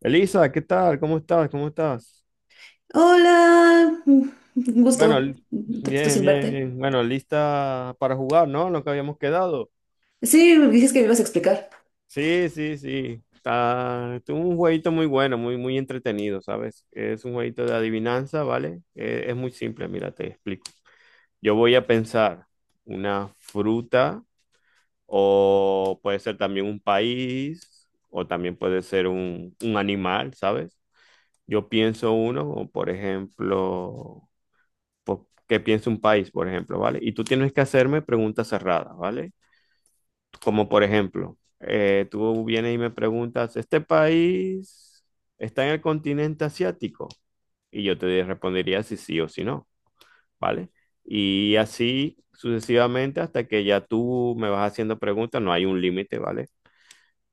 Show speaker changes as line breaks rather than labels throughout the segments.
Elisa, ¿qué tal? ¿Cómo estás? ¿Cómo estás?
Hola, un
Bueno,
gusto, un ratito
bien,
sin
bien,
verte.
bien. Bueno, lista para jugar, ¿no? Lo que habíamos quedado.
Sí, dices que me ibas a explicar.
Sí, sí, sí. Es un jueguito muy bueno, muy, muy entretenido, ¿sabes? Es un jueguito de adivinanza, ¿vale? Muy simple, mira, te explico. Yo voy a pensar una fruta o puede ser también un país o también puede ser un animal, ¿sabes? Yo pienso uno, por ejemplo... qué piensa un país, por ejemplo, ¿vale? Y tú tienes que hacerme preguntas cerradas, ¿vale? Como por ejemplo, tú vienes y me preguntas, ¿este país está en el continente asiático? Y yo te respondería si sí o si no, ¿vale? Y así sucesivamente hasta que ya tú me vas haciendo preguntas, no hay un límite, ¿vale?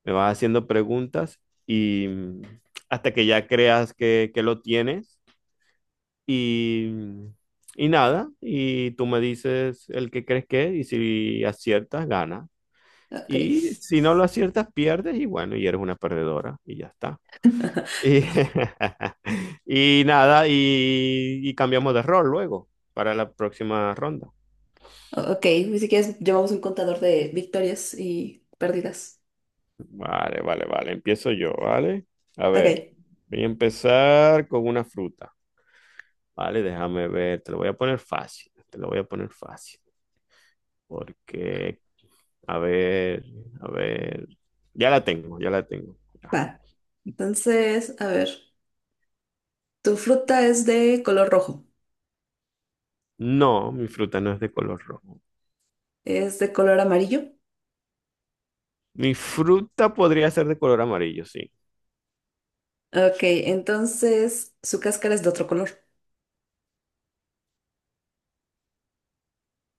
Me vas haciendo preguntas y mm, hasta que ya creas que lo tienes. Y, mm, y nada, y tú me dices el que crees que es, y si aciertas, ganas.
Ok,
Y si no lo aciertas, pierdes, y bueno, y eres una perdedora, y ya está. Y, y nada, y cambiamos de rol luego para la próxima ronda.
ok, si quieres llevamos un contador de victorias y pérdidas.
Vale, vale, vale, empiezo yo, ¿vale? A ver,
Ok,
voy a empezar con una fruta, ¿vale? Déjame ver, te lo voy a poner fácil, te lo voy a poner fácil, porque a ver, a ver. Ya la tengo, ya la tengo. Ya.
va. Entonces, a ver, tu fruta es de color rojo,
No, mi fruta no es de color rojo.
es de color amarillo.
Mi fruta podría ser de color amarillo, sí.
Ok, entonces su cáscara es de otro color.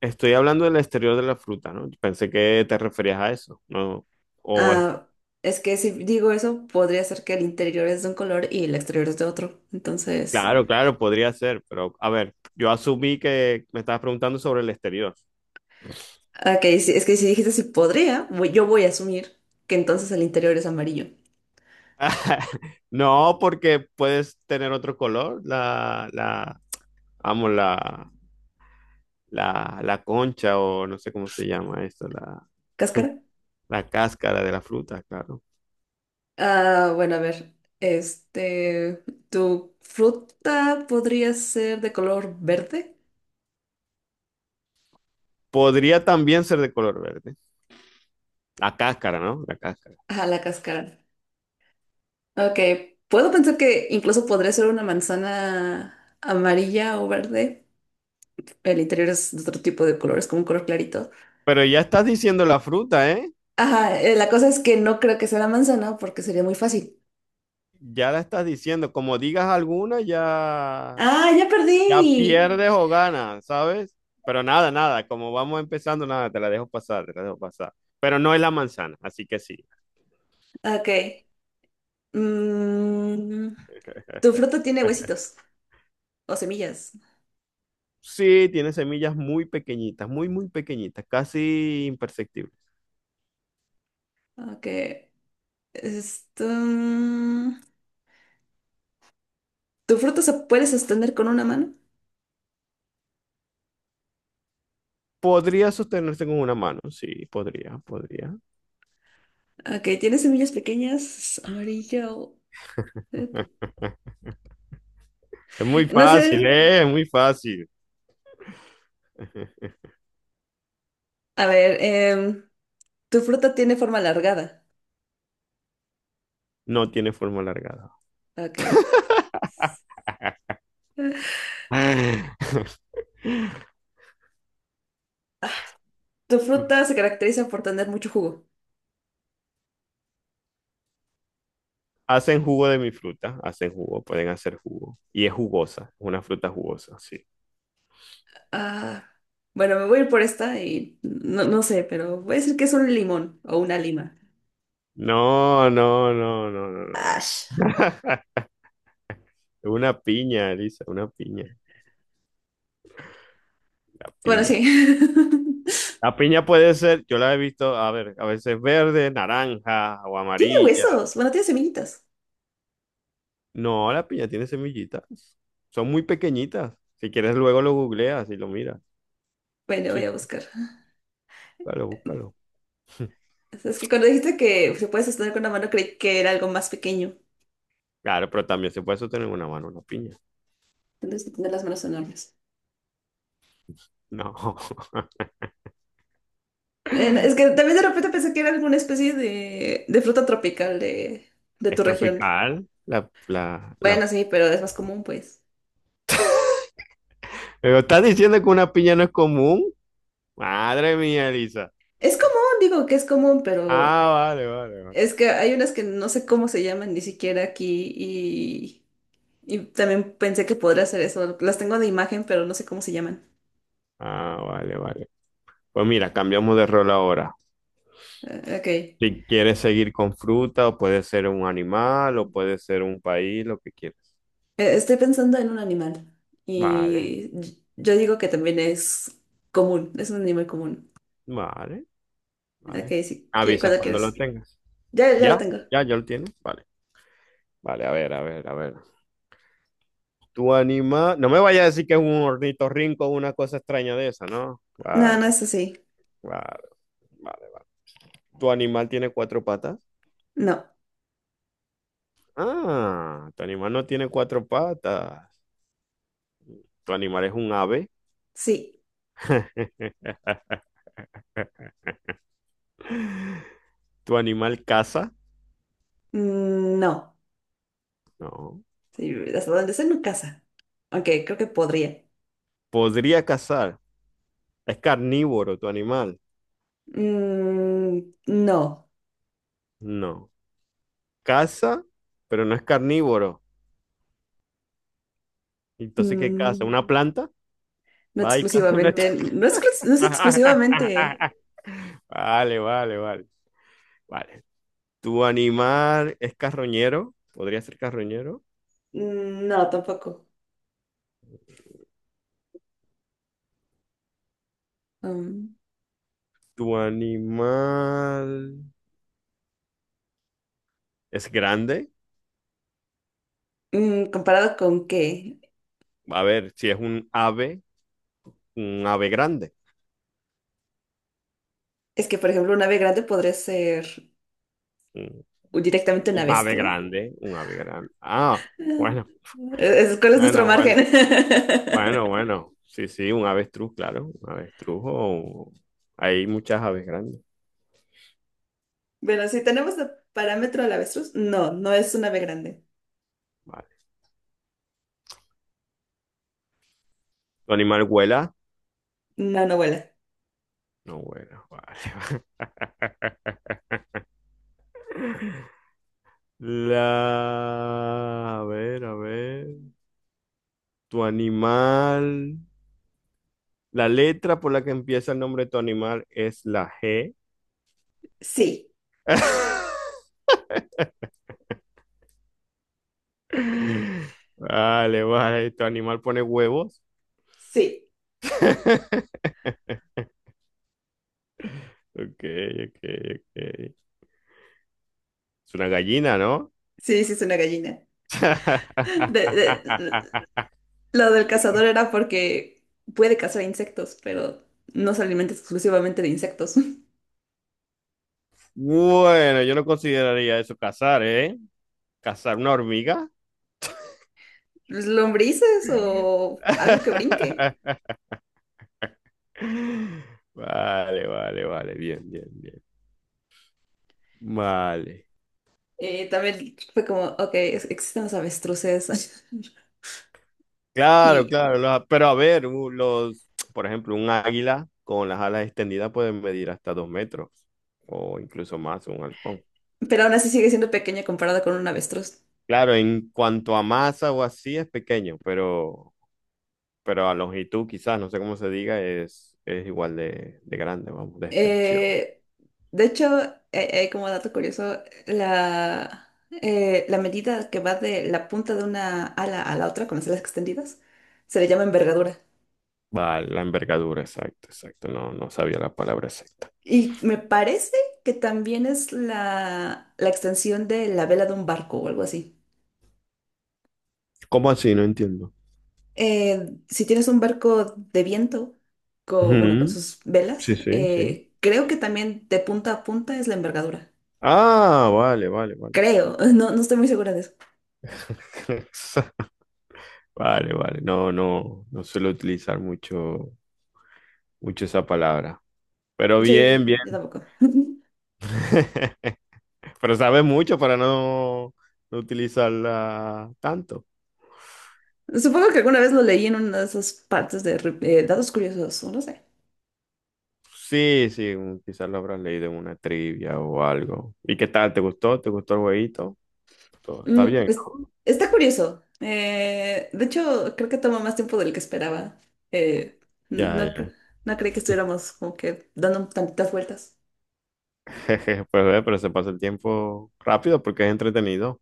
Estoy hablando del exterior de la fruta, ¿no? Pensé que te referías a eso, ¿no? O es...
Ah, es que si digo eso, podría ser que el interior es de un color y el exterior es de otro. Entonces...
Claro, claro, podría ser, pero a ver, yo asumí que me estabas preguntando sobre el exterior.
Ah, ok, sí, es que si dijiste si podría, yo voy a asumir que entonces el interior es amarillo.
No, porque puedes tener otro color, vamos, la concha o no sé cómo se llama esto, la...
¿Cáscara?
La cáscara de la fruta, claro.
Ah, bueno, a ver. Este, ¿tu fruta podría ser de color verde?
Podría también ser de color verde. La cáscara, ¿no? La cáscara.
Ajá, la cáscara. Ok, puedo pensar que incluso podría ser una manzana amarilla o verde. El interior es de otro tipo de color, es como un color clarito.
Pero ya estás diciendo la fruta, ¿eh?
Ajá, la cosa es que no creo que sea la manzana porque sería muy fácil.
Ya la estás diciendo. Como digas alguna, ya,
¡Ah, ya perdí!
ya pierdes o ganas, ¿sabes? Pero nada, nada. Como vamos empezando, nada, te la dejo pasar, te la dejo pasar. Pero no es la manzana, así que sí.
Ok. Mm, Tu fruta tiene huesitos o semillas.
Sí, tiene semillas muy pequeñitas, muy, muy pequeñitas, casi imperceptibles.
Ok. Esto... ¿Tu fruta se puede sostener con una mano?
Podría sostenerse con una mano, sí, podría, podría.
Ok, tiene semillas pequeñas, amarillo. eh,
Es muy
No
fácil,
sé.
¿eh? Es muy fácil.
A ver, tu fruta tiene forma alargada.
No tiene forma alargada.
Ok. Tu fruta se caracteriza por tener mucho jugo.
Hacen jugo de mi fruta, hacen jugo, pueden hacer jugo. Y es jugosa, es una fruta jugosa, sí.
Ah, bueno, me voy a ir por esta y no, no sé, pero voy a decir que es un limón o una lima.
No, no, no, no, no,
Ash.
no. Una piña, Elisa, una piña, la
Bueno,
piña.
sí.
La piña puede ser, yo la he visto, a ver, a veces verde, naranja o
Tiene
amarilla.
huesos. Bueno, tiene semillitas.
No, la piña tiene semillitas. Son muy pequeñitas. Si quieres, luego lo googleas y lo miras.
Bueno,
Sí,
voy a
sí,
buscar.
búscalo, búscalo.
Es que cuando dijiste que se puede sostener con la mano, creí que era algo más pequeño.
Claro, pero también se puede sostener en una mano una piña.
Tienes que tener las manos enormes.
No,
Es que también de repente pensé que era alguna especie de fruta tropical de
es
tu región.
tropical. La...
Bueno, sí, pero es más común, pues.
Pero estás diciendo que una piña no es común. Madre mía, Elisa.
Es común, digo que es común, pero
Ah, vale, vale, vale.
es que hay unas que no sé cómo se llaman ni siquiera aquí y también pensé que podría ser eso. Las tengo de imagen, pero no sé cómo se llaman.
Ah, vale, vale. Pues mira, cambiamos de rol ahora.
Ok.
Si quieres seguir con fruta, o puede ser un animal, o puede ser un país, lo que quieras.
Estoy pensando en un animal
Vale,
y yo digo que también es común, es un animal común.
vale,
Ok,
vale.
sí,
Avisa
cuando
cuando lo
quieras.
tengas.
Ya, ya
¿Ya?
lo tengo.
¿Ya? ¿Ya lo tienes? Vale, vale, a ver, a ver, a ver. Tu animal. No me vayas a decir que es un ornitorrinco o una cosa extraña de esa, ¿no?
No, no
Vale.
es así.
Vale, vale. ¿Tu animal tiene cuatro patas?
No,
Ah, tu animal no tiene cuatro patas. ¿Tu animal es un ave?
sí.
¿Tu animal caza?
No.
No.
Sí, hasta donde sé no casa. Aunque creo que podría.
¿Podría cazar? ¿Es carnívoro tu animal?
Mm, no.
No. ¿Caza? Pero no es carnívoro. Entonces, ¿qué caza?
Mm,
¿Una planta?
no
Va y caza una...
exclusivamente, no, no es exclusivamente.
Vale, vale, vale. Vale. ¿Tu animal es carroñero? ¿Podría ser carroñero?
No, tampoco. Um,
¿Tu animal... es grande?
¿Comparado con qué?
A ver, si es un ave grande.
Es que, por ejemplo, un ave grande podría ser,
Un,
o directamente una
un ave
avestruz.
grande, un ave grande. Ah, bueno,
¿Cuál es nuestro
bueno, bueno,
margen?
bueno, bueno. Sí, sí, un avestruz, claro. Un avestruz o... Hay muchas aves grandes.
Bueno, si tenemos el parámetro del avestruz, no, no es un ave grande.
Vale. ¿Tu animal vuela?
No, no vuela.
No vuela. Vale. La... A ver, a ver. Tu animal... La letra por la que empieza el nombre de tu animal es la G.
Sí,
Vale, vale, tu animal pone huevos.
sí,
Ok, ok, ok. Es una gallina, ¿no?
sí, sí es una gallina. De- de- lo del cazador era porque puede cazar insectos, pero no se alimenta exclusivamente de insectos.
Bueno, yo no consideraría eso cazar, ¿eh? ¿Cazar una hormiga?
Lombrices o algo que brinque.
Vale, vale, vale, bien, bien, bien. Vale.
También fue como, ok, existen los avestruces.
Claro,
Y
claro, pero a ver, los, por ejemplo, un águila con las alas extendidas pueden medir hasta 2 metros o incluso más, un halcón.
pero aún así sigue siendo pequeña comparada con un avestruz.
Claro, en cuanto a masa o así es pequeño, pero a longitud quizás, no sé cómo se diga, es igual de grande, vamos, de extensión.
Eh, de hecho, como dato curioso, la, la medida que va de la punta de una ala a la otra con las alas extendidas se le llama envergadura.
Vale, la envergadura, exacto, exacto, no, no sabía la palabra exacta.
Y me parece que también es la extensión de la vela de un barco o algo así.
¿Cómo así? No entiendo.
Si tienes un barco de viento, bueno, con
Ujú,
sus
sí,
velas,
sí, sí.
creo que también de punta a punta es la envergadura.
Ah, vale, vale, vale.
Creo, no, no estoy muy segura de eso.
Vale, vale, no, no, no suelo utilizar mucho, mucho esa palabra. Pero bien, bien.
Sí, yo tampoco.
Pero sabe mucho para no, no utilizarla tanto.
Supongo que alguna vez lo leí en una de esas partes de datos curiosos, o no sé.
Sí, sí, quizás lo habrás leído en una trivia o algo. ¿Y qué tal? ¿Te gustó? ¿Te gustó el jueguito? Está
Mm,
bien, ¿no?
está curioso. De hecho, creo que toma más tiempo del que esperaba. Eh, no,
Ya,
no, cre-
ya.
no creí que estuviéramos como que dando tantitas vueltas.
Jeje, pues ve, pero se pasa el tiempo rápido porque es entretenido.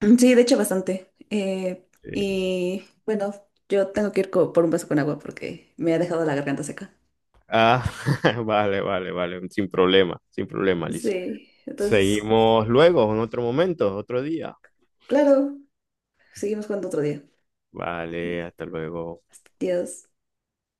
Mm, sí, de hecho, bastante.
Sí, sí.
Y bueno, yo tengo que ir por un vaso con agua porque me ha dejado la garganta seca.
Ah, vale, vale, vale. Sin problema, sin problema, Lisa.
Sí, entonces,
Seguimos luego, en otro momento, otro día.
claro, seguimos jugando otro día.
Vale, hasta luego.
Dios.